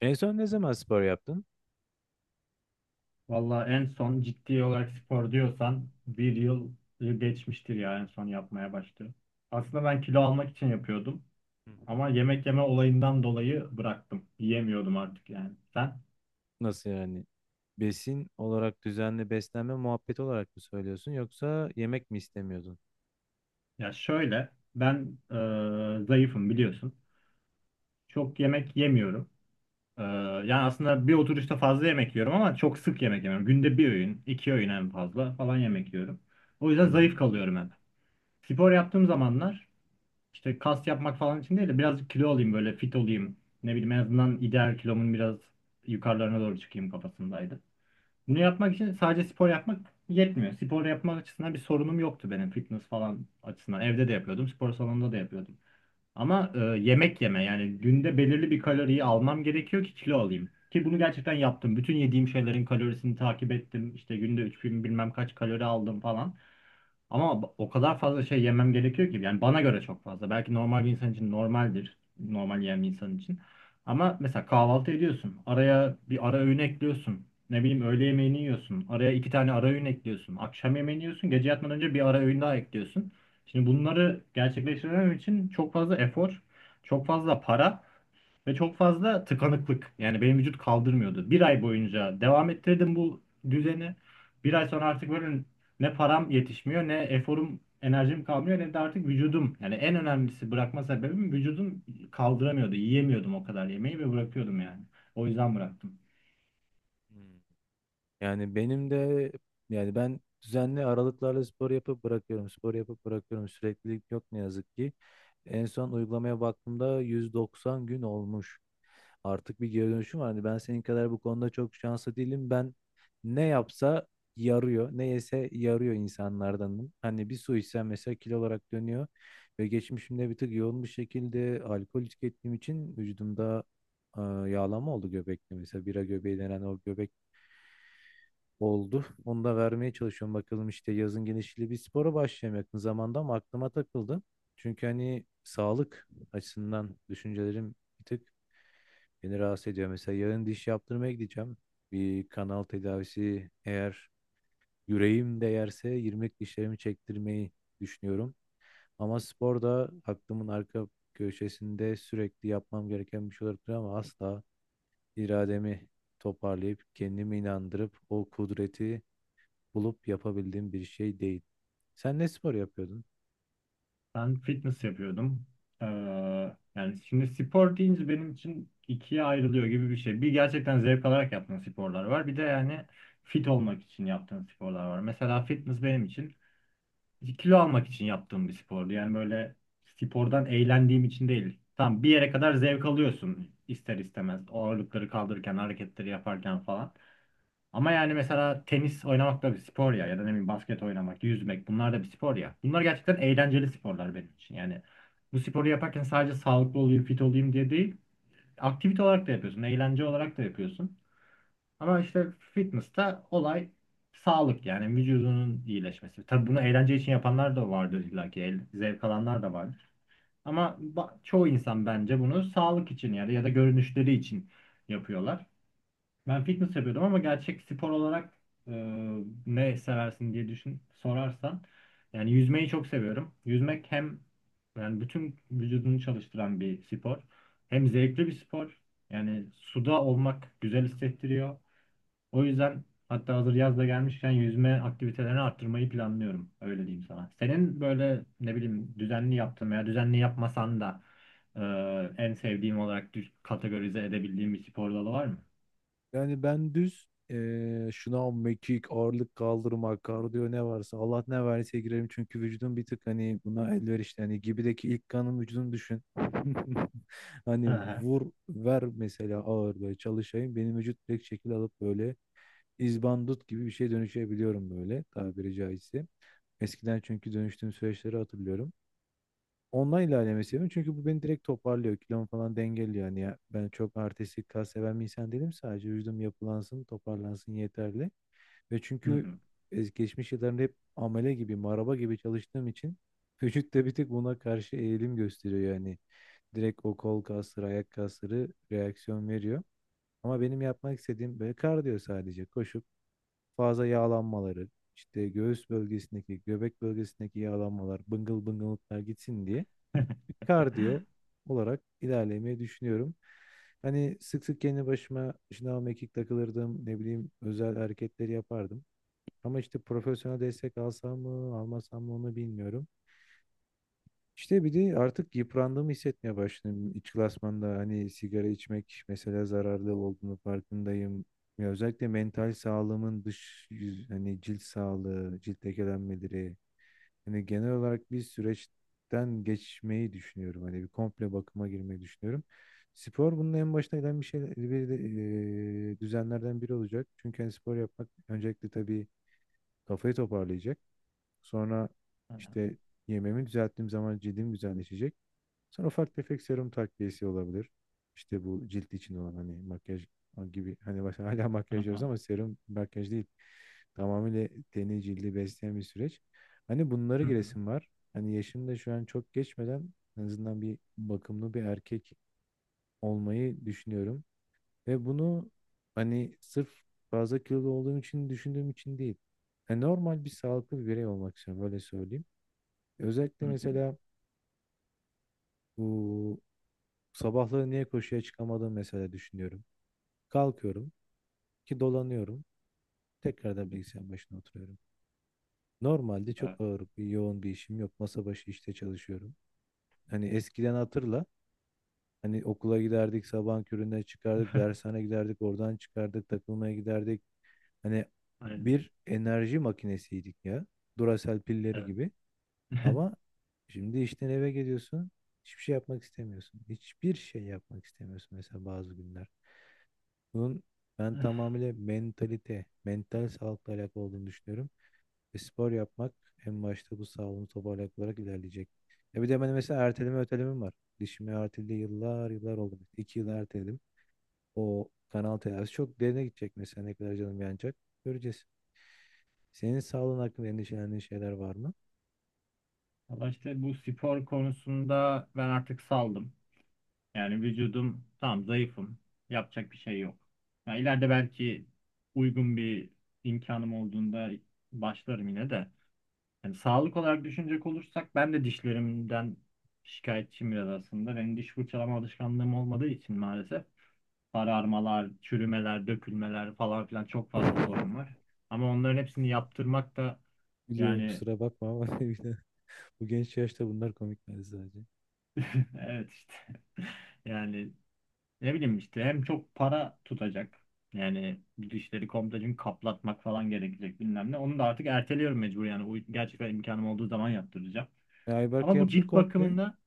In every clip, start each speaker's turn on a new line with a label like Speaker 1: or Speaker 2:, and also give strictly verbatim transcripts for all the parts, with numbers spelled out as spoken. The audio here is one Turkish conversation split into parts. Speaker 1: En son ne zaman spor yaptın?
Speaker 2: Valla en son ciddi olarak spor diyorsan bir yıl geçmiştir ya en son yapmaya başladım. Aslında ben kilo almak için yapıyordum
Speaker 1: Hı hı.
Speaker 2: ama yemek yeme olayından dolayı bıraktım. Yiyemiyordum artık yani. Sen?
Speaker 1: Nasıl yani? Besin olarak düzenli beslenme muhabbeti olarak mı söylüyorsun yoksa yemek mi istemiyordun?
Speaker 2: Ya şöyle ben e, zayıfım biliyorsun. Çok yemek yemiyorum. E, yani aslında bir oturuşta fazla yemek yiyorum ama çok sık yemek yemiyorum. Günde bir öğün, iki öğün en fazla falan yemek yiyorum. O yüzden
Speaker 1: Hı
Speaker 2: zayıf
Speaker 1: hı.
Speaker 2: kalıyorum hep. Spor yaptığım zamanlar İşte kas yapmak falan için değil de birazcık kilo olayım, böyle fit olayım. Ne bileyim, en azından ideal kilomun biraz yukarılarına doğru çıkayım kafasındaydı. Bunu yapmak için sadece spor yapmak yetmiyor. Spor yapmak açısından bir sorunum yoktu benim, fitness falan açısından. Evde de yapıyordum, spor salonunda da yapıyordum. Ama e, yemek yeme, yani günde belirli bir kaloriyi almam gerekiyor ki kilo alayım. Ki bunu gerçekten yaptım. Bütün yediğim şeylerin kalorisini takip ettim. İşte günde üç bin bilmem kaç kalori aldım falan. Ama b- o kadar fazla şey yemem gerekiyor ki, yani bana göre çok fazla. Belki normal bir insan için normaldir. Normal yiyen bir insan için. Ama mesela kahvaltı ediyorsun. Araya bir ara öğün ekliyorsun. Ne bileyim, öğle yemeğini yiyorsun. Araya iki tane ara öğün ekliyorsun. Akşam yemeğini yiyorsun. Gece yatmadan önce bir ara öğün daha ekliyorsun. Şimdi bunları gerçekleştirmem için çok fazla efor, çok fazla para ve çok fazla tıkanıklık. Yani benim vücut kaldırmıyordu. Bir ay boyunca devam ettirdim bu düzeni. Bir ay sonra artık böyle ne param yetişmiyor, ne eforum, enerjim kalmıyor, ne de artık vücudum. Yani en önemlisi bırakma sebebim vücudum kaldıramıyordu. Yiyemiyordum o kadar yemeği ve bırakıyordum yani. O yüzden bıraktım.
Speaker 1: Hmm. Yani benim de yani ben düzenli aralıklarla spor yapıp bırakıyorum. Spor yapıp bırakıyorum. Süreklilik yok ne yazık ki. En son uygulamaya baktığımda yüz doksan gün olmuş. Artık bir geri dönüşüm var. Hani ben senin kadar bu konuda çok şanslı değilim. Ben ne yapsa yarıyor. Ne yese yarıyor insanlardanım. Hani bir su içsem mesela kilo olarak dönüyor. Ve geçmişimde bir tık yoğun bir şekilde alkol tükettiğim için vücudumda e, yağlanma oldu göbekte. Mesela bira göbeği denen o göbek oldu. Onu da vermeye çalışıyorum. Bakalım işte yazın genişliği bir spora başlayayım yakın zamanda, ama aklıma takıldı. Çünkü hani sağlık açısından düşüncelerim bir tık beni rahatsız ediyor. Mesela yarın diş yaptırmaya gideceğim. Bir kanal tedavisi, eğer yüreğim de yerse yirmilik dişlerimi çektirmeyi düşünüyorum. Ama spor da aklımın arka köşesinde sürekli yapmam gereken bir şey olabilir, ama asla irademi toparlayıp kendimi inandırıp o kudreti bulup yapabildiğim bir şey değil. Sen ne spor yapıyordun?
Speaker 2: Ben fitness yapıyordum. Ee, Yani şimdi spor deyince benim için ikiye ayrılıyor gibi bir şey. Bir gerçekten zevk alarak yaptığım sporlar var. Bir de yani fit olmak için yaptığım sporlar var. Mesela fitness benim için kilo almak için yaptığım bir spordu. Yani böyle spordan eğlendiğim için değil. Tamam, bir yere kadar zevk alıyorsun ister istemez. O ağırlıkları kaldırırken, hareketleri yaparken falan. Ama yani mesela tenis oynamak da bir spor ya, ya da ne bileyim basket oynamak, yüzmek, bunlar da bir spor ya. Bunlar gerçekten eğlenceli sporlar benim için. Yani bu sporu yaparken sadece sağlıklı olayım, fit olayım diye değil, aktivite olarak da yapıyorsun, eğlence olarak da yapıyorsun. Ama işte fitness'ta olay sağlık, yani vücudunun iyileşmesi. Tabii bunu eğlence için yapanlar da vardır illa ki, el- zevk alanlar da vardır. Ama ba- çoğu insan bence bunu sağlık için, yani ya da görünüşleri için yapıyorlar. Ben fitness yapıyordum ama gerçek spor olarak e, ne seversin diye düşün, sorarsan yani yüzmeyi çok seviyorum. Yüzmek hem yani bütün vücudunu çalıştıran bir spor, hem zevkli bir spor. Yani suda olmak güzel hissettiriyor. O yüzden hatta hazır yaz da gelmişken yüzme aktivitelerini arttırmayı planlıyorum. Öyle diyeyim sana. Senin böyle ne bileyim düzenli yaptığın veya düzenli yapmasan da e, en sevdiğim olarak düş- kategorize edebildiğim bir spor dalı var mı?
Speaker 1: Yani ben düz eee şınav, mekik, ağırlık kaldırma, kardiyo ne varsa Allah ne verdiyse girerim. Çünkü vücudum bir tık hani buna elverişli. Hani gibideki ilk kanım vücudum düşün. Hani vur ver mesela ağır böyle çalışayım. Benim vücut direkt şekil alıp böyle izbandut gibi bir şey dönüşebiliyorum böyle tabiri caizse. Eskiden çünkü dönüştüğüm süreçleri hatırlıyorum. Ondan ilerlemeyi seviyorum. Çünkü bu beni direkt toparlıyor. Kilomu falan dengeliyor. Yani ya, ben çok artistik kas seven bir insan değilim. Sadece vücudum yapılansın, toparlansın yeterli. Ve
Speaker 2: Hı
Speaker 1: çünkü
Speaker 2: hı.
Speaker 1: es- geçmiş yıllarında hep amele gibi, maraba gibi çalıştığım için vücut da bir tık buna karşı eğilim gösteriyor yani. Direkt o kol kasları, ayak kasları reaksiyon veriyor. Ama benim yapmak istediğim böyle kardiyo sadece. Koşup fazla yağlanmaları, işte göğüs bölgesindeki, göbek bölgesindeki yağlanmalar, bıngıl bıngılıklar gitsin diye bir kardiyo olarak ilerlemeyi düşünüyorum. Hani sık sık kendi başıma şınav mekik takılırdım, ne bileyim özel hareketleri yapardım. Ama işte profesyonel destek alsam mı, almasam mı onu bilmiyorum. İşte bir de artık yıprandığımı hissetmeye başladım. İç klasmanda hani sigara içmek mesela zararlı olduğunu farkındayım. Ya özellikle mental sağlığımın dış yüz, hani cilt sağlığı, cilt lekelenmeleri, hani genel olarak bir süreçten geçmeyi düşünüyorum. Hani bir komple bakıma girmeyi düşünüyorum. Spor bunun en başına gelen bir şey, bir de, eee, düzenlerden biri olacak. Çünkü hani spor yapmak öncelikle tabii kafayı toparlayacak. Sonra
Speaker 2: Hı hı.
Speaker 1: işte yemeğimi düzelttiğim zaman cildim güzelleşecek. Sonra ufak tefek serum takviyesi olabilir. İşte bu cilt için olan hani makyaj gibi hani mesela hala
Speaker 2: Hı
Speaker 1: makyaj diyoruz, ama serum makyaj değil. Tamamıyla teni cildi besleyen bir süreç. Hani bunları
Speaker 2: hı hı.
Speaker 1: giresim var. Hani yaşım da şu an çok geçmeden en azından bir bakımlı bir erkek olmayı düşünüyorum. Ve bunu hani sırf fazla kilolu olduğum için düşündüğüm için değil. Yani normal bir sağlıklı bir birey olmak istiyorum böyle söyleyeyim.
Speaker 2: Hı
Speaker 1: Özellikle
Speaker 2: hı.
Speaker 1: mesela bu sabahları niye koşuya çıkamadığımı mesela düşünüyorum. Kalkıyorum ki dolanıyorum. Tekrar da bilgisayar başına oturuyorum. Normalde
Speaker 2: Evet.
Speaker 1: çok ağır bir yoğun bir işim yok. Masa başı işte çalışıyorum. Hani eskiden hatırla. Hani okula giderdik, sabahın köründen çıkardık, dershane giderdik, oradan çıkardık, takılmaya giderdik. Hani
Speaker 2: Aynen.
Speaker 1: bir enerji makinesiydik ya. Duracell pilleri
Speaker 2: Evet.
Speaker 1: gibi. Ama şimdi işten eve geliyorsun. Hiçbir şey yapmak istemiyorsun. Hiçbir şey yapmak istemiyorsun mesela bazı günler. Bunun ben tamamıyla mentalite, mental sağlıkla alakalı olduğunu düşünüyorum. Ve spor yapmak en başta bu sağlığımı toparlayarak olarak ilerleyecek. Ya bir de ben mesela erteleme ötelemem var. Dişimi erteledi yıllar yıllar oldu. İki yıl erteledim. O kanal tedavisi çok derine gidecek mesela ne kadar canım yanacak. Göreceğiz. Senin sağlığın hakkında endişelendiğin şeyler var mı?
Speaker 2: Valla işte bu spor konusunda ben artık saldım. Yani vücudum tam zayıfım. Yapacak bir şey yok. Ya ileride belki uygun bir imkanım olduğunda başlarım yine de. Yani sağlık olarak düşünecek olursak ben de dişlerimden şikayetçiyim biraz aslında. Benim diş fırçalama alışkanlığım olmadığı için maalesef. Sararmalar, çürümeler, dökülmeler falan filan çok fazla sorun var. Ama onların hepsini yaptırmak da
Speaker 1: Biliyorum
Speaker 2: yani
Speaker 1: kusura bakma ama bir de bu genç yaşta bunlar komik bence sadece.
Speaker 2: evet işte yani ne bileyim işte hem çok para tutacak, yani bu dişleri komple çünkü kaplatmak falan gerekecek, bilmem ne. Onu da artık erteliyorum mecbur, yani o gerçekten imkanım olduğu zaman yaptıracağım.
Speaker 1: E, Ayberk
Speaker 2: Ama bu
Speaker 1: yaptı
Speaker 2: cilt
Speaker 1: komple.
Speaker 2: bakımında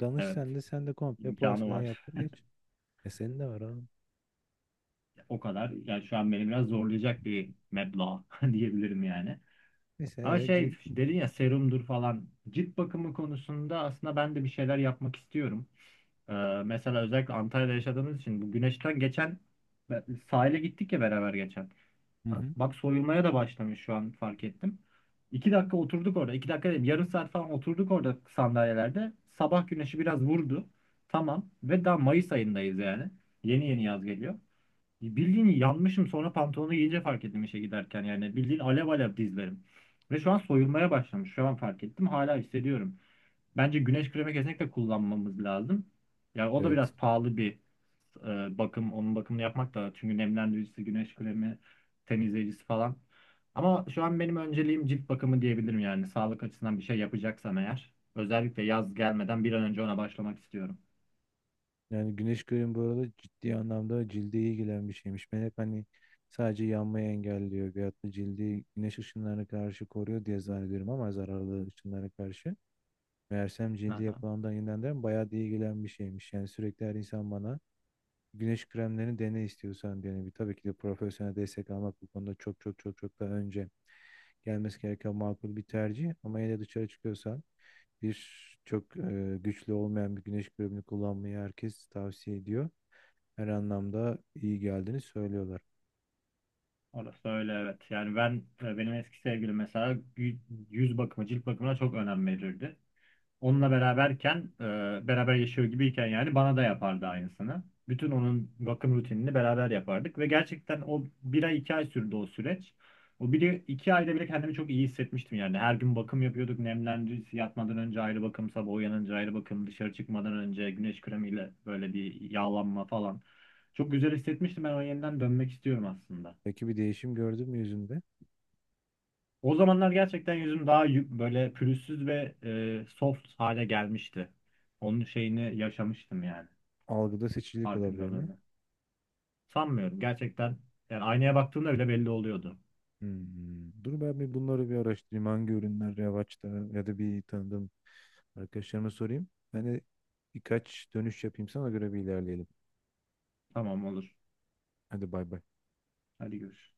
Speaker 1: Danış
Speaker 2: evet
Speaker 1: sen de sen de komple
Speaker 2: imkanı
Speaker 1: porselen
Speaker 2: var.
Speaker 1: yaptır geç. E senin de var abi.
Speaker 2: O kadar yani şu an beni biraz zorlayacak bir meblağ diyebilirim yani.
Speaker 1: Neyse
Speaker 2: Ama
Speaker 1: ee,
Speaker 2: şey
Speaker 1: cilt.
Speaker 2: dedin ya, serumdur falan. Cilt bakımı konusunda aslında ben de bir şeyler yapmak istiyorum. Ee, Mesela özellikle Antalya'da yaşadığımız için bu güneşten, geçen sahile gittik ya beraber geçen.
Speaker 1: Hı hı.
Speaker 2: Bak soyulmaya da başlamış şu an fark ettim. İki dakika oturduk orada. İki dakika değil, yarım saat falan oturduk orada sandalyelerde. Sabah güneşi biraz vurdu. Tamam. Ve daha Mayıs ayındayız yani. Yeni yeni yaz geliyor. Bildiğin yanmışım, sonra pantolonu giyince fark ettim işe giderken, yani bildiğin alev alev dizlerim. Ve şu an soyulmaya başlamış. Şu an fark ettim. Hala hissediyorum. Bence güneş kremi kesinlikle kullanmamız lazım. Yani o da
Speaker 1: Evet.
Speaker 2: biraz pahalı bir e, bakım. Onun bakımını yapmak da, çünkü nemlendiricisi, güneş kremi, temizleyicisi falan. Ama şu an benim önceliğim cilt bakımı diyebilirim yani. Sağlık açısından bir şey yapacaksam eğer. Özellikle yaz gelmeden bir an önce ona başlamak istiyorum.
Speaker 1: Yani güneş kremi bu arada ciddi anlamda cilde iyi gelen bir şeymiş. Ben hep hani sadece yanmayı engelliyor veyahut da cildi güneş ışınlarına karşı koruyor diye zannediyorum, ama zararlı ışınlara karşı. Meğersem cildi yapılandan yeniden bayağı da iyi gelen bir şeymiş. Yani sürekli her insan bana güneş kremlerini dene istiyorsan diyor. Yani bir- tabii ki de profesyonel destek almak bu konuda çok çok çok çok daha önce gelmesi gereken makul bir tercih. Ama yine de dışarı çıkıyorsan bir çok e, güçlü olmayan bir güneş kremini kullanmayı herkes tavsiye ediyor. Her anlamda iyi geldiğini söylüyorlar.
Speaker 2: Orası öyle, evet. Yani ben e, benim eski sevgilim mesela gü- yüz bakımı, cilt bakımına çok önem verirdi. Onunla beraberken, e, beraber yaşıyor gibiyken yani bana da yapardı aynısını. Bütün onun bakım rutinini beraber yapardık ve gerçekten o bir ay iki ay sürdü o süreç. O bir iki ayda bile kendimi çok iyi hissetmiştim yani. Her gün bakım yapıyorduk. Nemlendirici yatmadan önce ayrı bakım, sabah uyanınca ayrı bakım, dışarı çıkmadan önce güneş kremiyle böyle bir yağlanma falan. Çok güzel hissetmiştim. Ben o yeniden dönmek istiyorum aslında.
Speaker 1: Peki bir değişim gördün mü yüzünde?
Speaker 2: O zamanlar gerçekten yüzüm daha yü- böyle pürüzsüz ve e, soft hale gelmişti. Onun şeyini yaşamıştım yani
Speaker 1: Algıda seçicilik olabilir mi?
Speaker 2: farkındalığını. Sanmıyorum gerçekten, yani aynaya baktığımda bile belli oluyordu.
Speaker 1: Hmm. Dur ben bir bunları bir araştırayım. Hangi ürünler revaçta ya da bir tanıdığım arkadaşlarıma sorayım. Ben de birkaç dönüş yapayım sana göre bir ilerleyelim.
Speaker 2: Tamam, olur.
Speaker 1: Hadi bay bay.
Speaker 2: Hadi görüş.